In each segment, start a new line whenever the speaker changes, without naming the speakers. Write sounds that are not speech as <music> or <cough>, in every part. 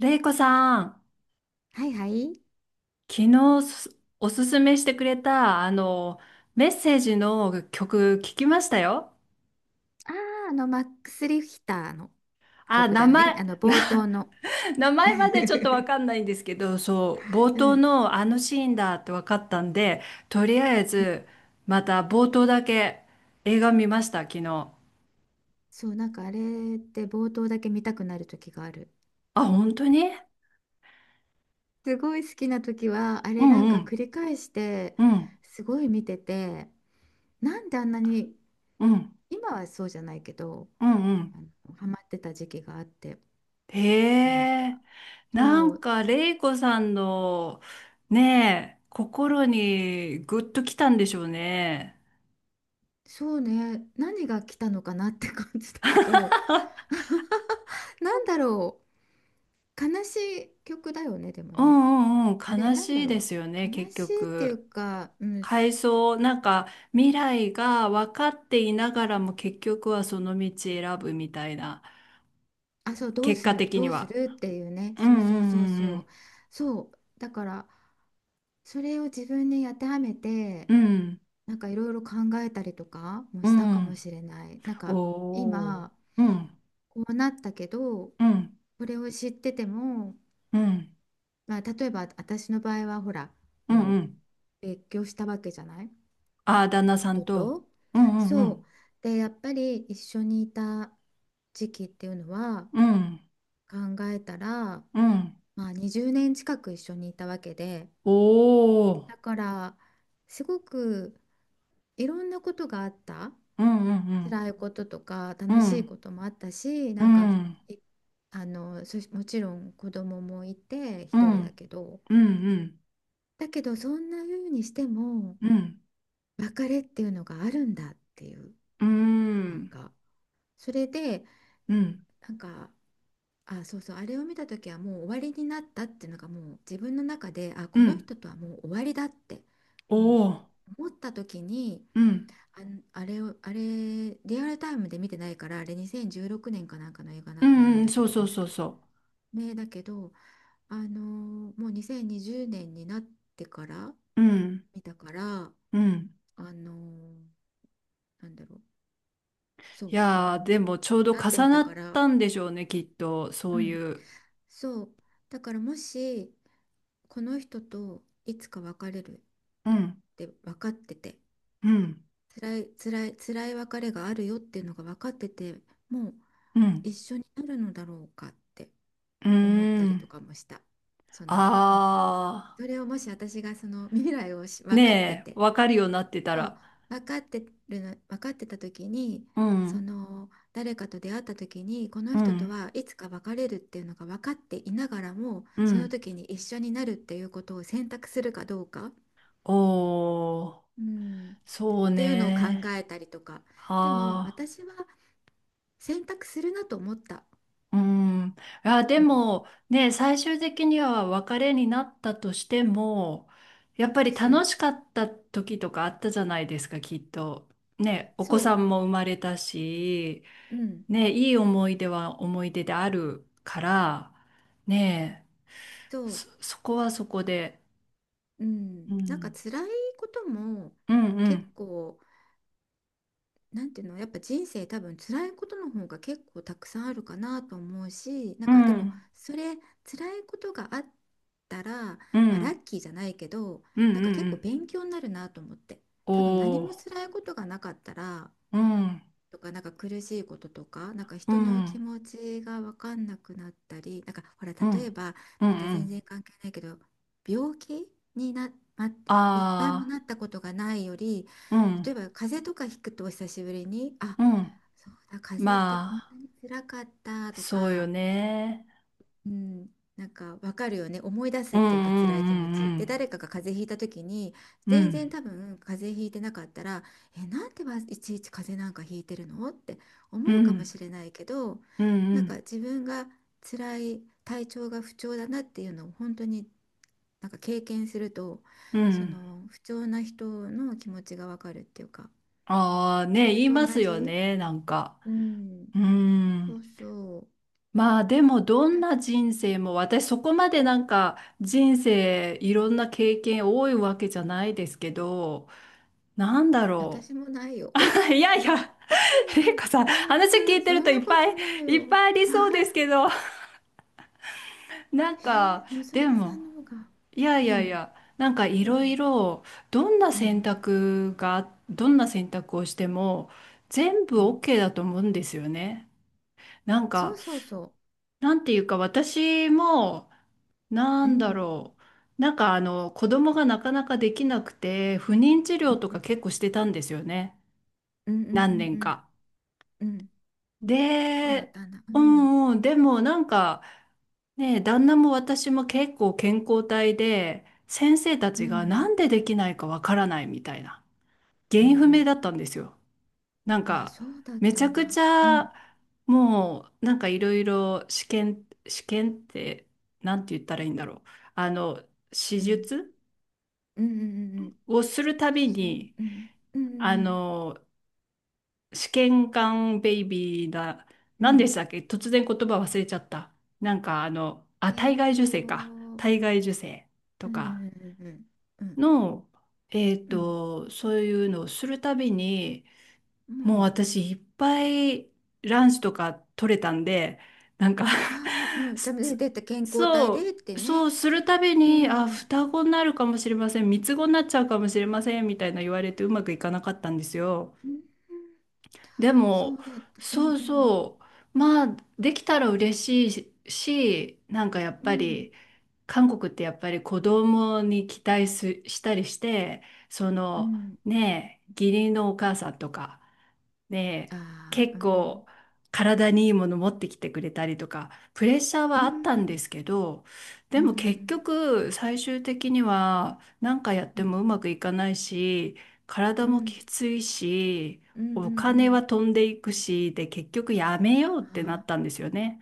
れいこさん、
はいはい。
昨日おすすめしてくれた、メッセージの曲聞きましたよ。
ああ、マックス・リヒターの
あ、
曲
名
だよ
前、
ね。冒頭の。
<laughs> 名前までちょっとわかん
<laughs>
ないんですけど、そう、冒
う
頭
ん。
のあのシーンだってわかったんで、とりあえず、また冒頭だけ映画見ました、昨日。
そう、なんかあれって冒頭だけ見たくなる時がある。
あ、本当に。
すごい好きな時は、あ
う
れなん
んう
か繰
ん、
り返して、
うん、
すごい見てて、なんであんなに、
うん、
今はそうじゃないけど、
うん、うん。
あの、ハマってた時期があって、
へ
なん
え、
か、
な
そ
ん
う、
か、レイコさんの、ねえ、心にグッときたんでしょうね。
そうね、何が来たのかなって感じだけど、なんだろう、悲しい曲だよね、でも
う
ね。
んうんう
あ
ん、
れ、
悲
なんだ
しいで
ろ
すよね、
う。悲
結
しいってい
局。
うか、うん、
回想、なんか、未来が分かっていながらも結局はその道選ぶみたいな、
あ、そう、どう
結
す
果
る、
的
ど
に
うす
は。
るっていうね。
うん
そうそ
う
うそう
んう
そ
ん
う。そう。だから、それを自分に当てはめて、
うん。
なんかいろいろ考えたりとかも
う
した
ん。
か
う
も
ん。
しれない。なんか、
おー。
今、
うん
こうなったけど、
うん
これを知ってても、
うん
まあ、例えば私の場合は、ほら、
うん
も
う
う
ん。
別居したわけじゃない。
ああ、旦那さん
夫
と。
と。
うんうんう
そう。
ん。
で、やっぱり一緒にいた時期っていうのは、
うん。
考えたら、
うん。
まあ、20年近く一緒にいたわけで、
おー。
だからすごくいろんなことがあった。
うんうん
辛いこととか
うん。
楽
う
しい
ん。
こともあったし、
う
なんか
ん。
いもちろん子供もいて
う
一人だ
ん
けど、
うん。
だけどそんな風にしても
うん。
別れっていうのがあるんだっていう、
う
なん
ん。
かそれで、なんか、あ、そうそう、あれを見た時はもう終わりになったっていうのがもう自分の中で、あ、
う
この
ん。
人とはもう終わりだって、もう
おー。
思った時に、
うん。
あれを、あれ、リアルタイムで見てないから、あれ2016年かなんかの映画
う
だと思う
ん
ん
うん。
だけ
そう
ど、
そう
確
そう
か。
そ
ね、だけど、もう2020年にじゅうねんになってから
う。うん。
見たから、
うん。
あのーなんだろう、そ
い
う、だか
や
ら
ー、
も
でもちょう
う、
ど
なって
重
みた
なっ
から、
たんでしょうね、きっと。そ
う
う
ん、
いう。
そう、だからもし、この人といつか別れるっ
うん。
て分かってて、
うん。
辛い辛い辛い別れがあるよっていうのが分かってて、もう
うん。
一緒になるのだろうかって
うー
思ったりと
ん。
かもした。その、ね、
あ
それをもし私がその未来を
ー。
分かって
ねえ、
て、
わかるようになってた
そう、
ら。
分かって分かってた時に、
う
そ
ん。
の誰かと出会った時にこの
う
人と
ん。
はいつか別れるっていうのが分かっていながらも
う
その
ん。
時に一緒になるっていうことを選択するかどうか、
おー。
うん、っ
そう
ていうのを考
ね。
えたりとか。でも
あ
私は選択するなと思った。
あ、うん。あ、で
うん、
もね、最終的には別れになったとしても、やっぱり
そ
楽
う
しかった時とかあったじゃないですか、きっと。ね、お
そ
子さ
う、
んも生まれたし、
うん、
ね、いい思い出は思い出であるから、ね、
そう、
そこはそこで、
う
う
ん、なんか
ん、
辛いことも
うんう
結
ん
構、なんていうの、やっぱ人生多分辛いことの方が結構たくさんあるかなと思うし、な
う
んかでも
ん
それ辛いことがあったら、
うんう
まあ、ラ
ん
ッキーじゃないけど、
うんう
なんか結構
ん
勉強になるなと思って。
お
多分何も
ー
辛いことがなかったら
うん
とか、なんか苦しいこととか、なんか
う
人の気
ん
持ちが分かんなくなったり、なんかほら、
う
例え
ん、
ば、
うん、
また
う
全然
ん。
関係ないけど、病気にな、ま、一回も
あ
なったことがないより、
あ、うん、
例えば風邪とかひくと久しぶりに、あ、
うん。
そうだ、風邪って
ま
こんな
あ、
に辛かったと
そうよ
か、
ね。
うん、なんかわかるよね。思い出す
う
っ
ん、
ていうか、辛
う
い気持ちで
ん、
誰かが風邪ひいた時に、
うん、う
全然
ん。
多分風邪ひいてなかったら「え、なんでいちいち風邪なんかひいてるの？」って
う
思うかも
ん、
しれないけど、
うん、う
なんか
ん、
自分が辛い、体調が不調だなっていうのを本当になんか経験すると、
う
そ
ん。
の不調な人の気持ちがわかるっていうか、
ああ、ね、
それ
言い
と
ま
同
すよ
じ。
ね、なんか。
うん、
うー
そう
ん。
そう。
まあ、でも、どん
え、
な人生も、私、そこまでなんか、人生、いろんな経験多いわけじゃないですけど、なんだろ
私もないよ。
う。<laughs> いやいや、玲子さん、話聞いて
そ
る
ん
とい
な
っ
こ
ぱ
と
い
ない
いっ
よ。
ぱいありそう
は
です
い。
けど、なん
え
か、
のぞ
で
みさ
も、
んの方が。
いやい
う
やい
ん、
や、なんかい
う
ろい
ん、
ろ、
うん、
どんな選択をしても、全部
うん。
OK だと思うんですよね。なん
そう
か、
そうそ
なんていうか、私も、な
う。う
んだ
ん、
ろう、なんか子供がなかなかできなくて、不妊治
う
療とか
ん、
結構してたんですよね。
うん、うん、う
何
ん、う
年
ん。
か。
うんうん。そうだっ
で、
たんだ。う
う
ん、
んうん、でもなんか、ねえ、旦那も私も結構健康体で、先生た
う
ちがな
ん、
んでできないかわからないみたいな、原
うん、う
因不明
ん。
だったんですよ。なん
あ、
か、
そうだっ
めち
た
ゃ
ん
くち
だ。うん、
ゃ、もう、なんかいろいろ試験って、なんて言ったらいいんだろう。あの、手
うん、
術
うん、うん、うん。
をするたび
しゅ、
に、
うん、うん、
あ
うん、
の、試験管ベイビーだ、
うん。う
何でし
ん。
たっけ突然言葉忘れちゃった。なんかあ、体外受精か。
うん、
体外受精と
う
か。
ん、うん、
の、えっ
うん、うん、
と、そういうのをするたびに、
うん。う
もう
ん。
私いっぱいランチとか取れたんで、なんか
ああ、う
<laughs>
ん、じゃあ、
す
ね、
す
出て健康体
そ
でって
う、そ
ね。
うするたび
う
に、あ、
ん。
双子になるかもしれません、三つ子になっちゃうかもしれません、みたいな言われてうまくいかなかったんですよ。
うん。
で
そう
も、
だった。うん
そう
うん。
そう、まあ、できたら嬉しいし、なんかやっ
う
ぱ
ん。
り、韓国ってやっぱり子供に期待したりして、そ
う
の
ん。
ねえ、義理のお母さんとか、ねえ、
ああ、う
結
んうん。
構体にいいもの持ってきてくれたりとか、プレッシャー
う
はあっ
ん。
たんですけど、
う
で
んう
も結
ん
局最終的には何かやっ
う
ても
ん。
うまくいかないし、体
う
も
ん。
きついし、
うんうんう
お金は
ん。
飛んでいくし、で結局やめようっ
あ
てなっ
あ、
たんですよね。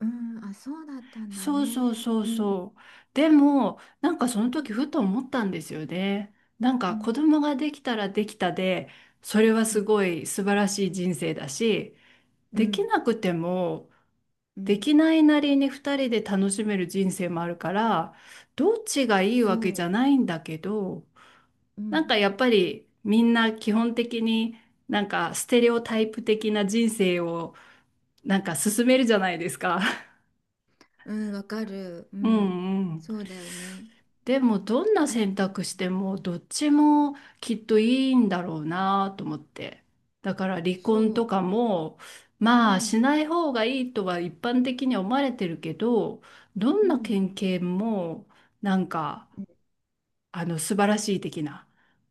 うん。あ、そうだったんだ
そうそう
ね。
そう
うんう
そう。でも、なんかその
ん
時ふと思ったんですよね。なん
う
か子
ん
供ができたらできたで、それは
う
す
ん
ごい素晴らしい人生だし、
う
でき
ん
なくても、
う
で
ん。
きないなりに二人で楽しめる人生もあるから、どっちがいいわけじ
そ
ゃないんだけど、
う。う
なん
ん。
かやっぱりみんな基本的になんかステレオタイプ的な人生をなんか進めるじゃないですか。
うん、わかる。う
<laughs> うん
ん。
うん。
そうだよね。
でもどんな
あれ、
選択してもどっちもきっといいんだろうなと思って。だから離
そ
婚とかも
う。う
まあ
ん。
しない方がいいとは一般的には思われてるけど、ど
う
んな
ん。
県警もなんか素晴らしい的な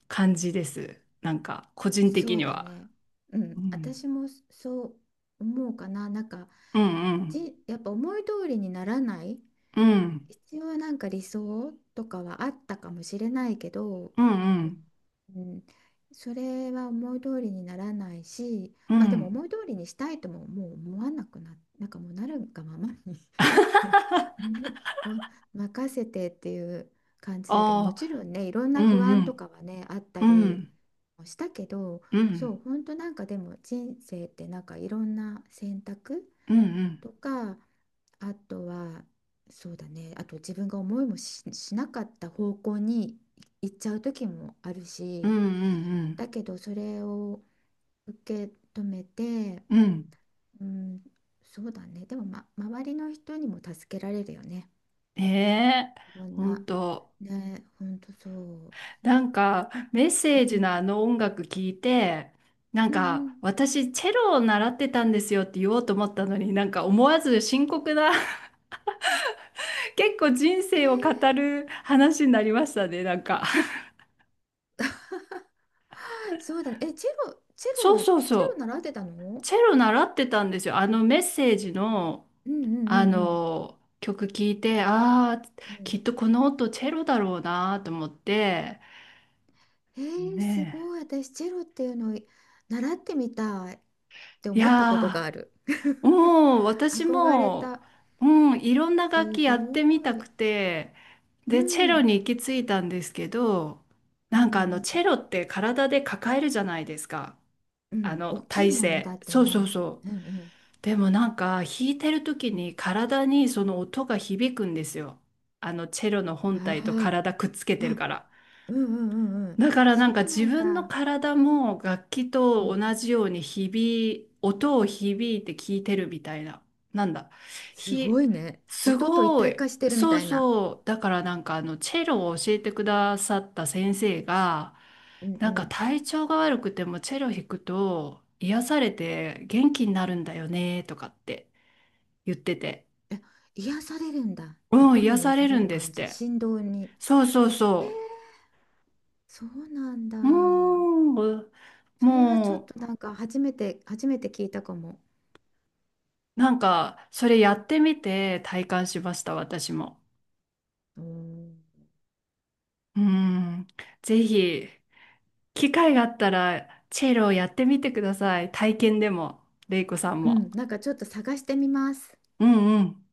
感じです。なんか個人
そ
的
う
に
だ
は。
ね。う
う
ん、
ん
私もそう思うかな。なんか、
うんうん
やっぱ思い通りにならない、
うん
必要、なんか理想とかはあったかもしれないけど、
うん
うん、それは思い通りにならないし、
うん
まあ
う
でも
ん
思い通りにしたいとももう思わなくな、なんかもうなるがままに <laughs> ね、お任せてっていう感じだけど、も
あ
ちろ
あ
んね、いろん
ーう
な不
んう
安と
ん
かはね、あった
う
り。
ん
したけど。
う
そ
ん
う、本当、なんかでも人生ってなんかいろんな選択
うんうん
とか、あとは、そうだね、あと自分が思いもし、しなかった方向に行っちゃう時もある
うんう
し。
んう
だ
ん
けどそれを受け止めて。
うん。
うん、そうだね。でも、ま、周りの人にも助けられるよね、
ねえ、
いろん
本
な。
当。
ね、本当そう、
なんか、メッセー
う
ジのあ
ん、
の音楽聞いて、なん
うんうん。
か、私、チェロを習ってたんですよって言おうと思ったのに、なんか思わず深刻な、<laughs> 結構人
え
生を語
ー
る話になりましたね、なんか。
そうだね。え、チェ
<laughs>
ロ
そう
は、
そう
チ
そ
ェロ
う。
習ってたの。
チェロ習ってたんですよ。あのメッセージの、
うんうんうんうん。
曲聞いて、ああ、
う
き
ん。
っとこの音チェロだろうなと思って、
す
ね
ごい。私、チェロっていうのを習ってみたいって
え。い
思ったことが
やー。
ある。
う
<laughs>
ん、私
憧れ
も、
た。
うん、いろんな楽
す
器やって
ご
みたく
い。
て、
う
で、チェロ
ん。
に行き着いたんですけど、
うん
な
う
んか
ん
チェロって体で抱えるじゃないですか。
うんうん。大きい
体
もんね、だ
勢。
って
そうそう
ね。
そ
う
う。
んうん
でもなんか、弾いてる時
うん。
に体にその音が響くんですよ。チェロの本
あ
体
あ、
と体くっつけて
う
るか
ん
ら。
うんうんうんうん。
だからな
そ
んか
うな
自
ん
分の
だ。
体も楽器
う
と
ん。
同じように音を響いて聞いてるみたいな。なんだ。
す
ひ、
ごいね。
す
音と一
ご
体
い。
化してるみ
そ
た
う
いな。
そう。だからなんかチェロを教えてくださった先生が、
うんう
なんか
ん。
体調が悪くてもチェロ弾くと癒されて元気になるんだよねとかって言ってて。
え、癒されるんだ。
うん、
音
癒
に癒
され
さ
る
れ
ん
る
です
感
っ
じ。
て。
振動に。
そうそう
え
そ
ー、そうなん
う。
だ。
もう、
それはちょっ
も
と、
う、
なんか初めて聞いたかも。
なんか、それやってみて体感しました、私も。
うん、
うん。ぜひ、機会があったら、チェロをやってみてください。体験でも、レイコさん
う
も。
ん。なんかちょっと探してみます。
うんうん。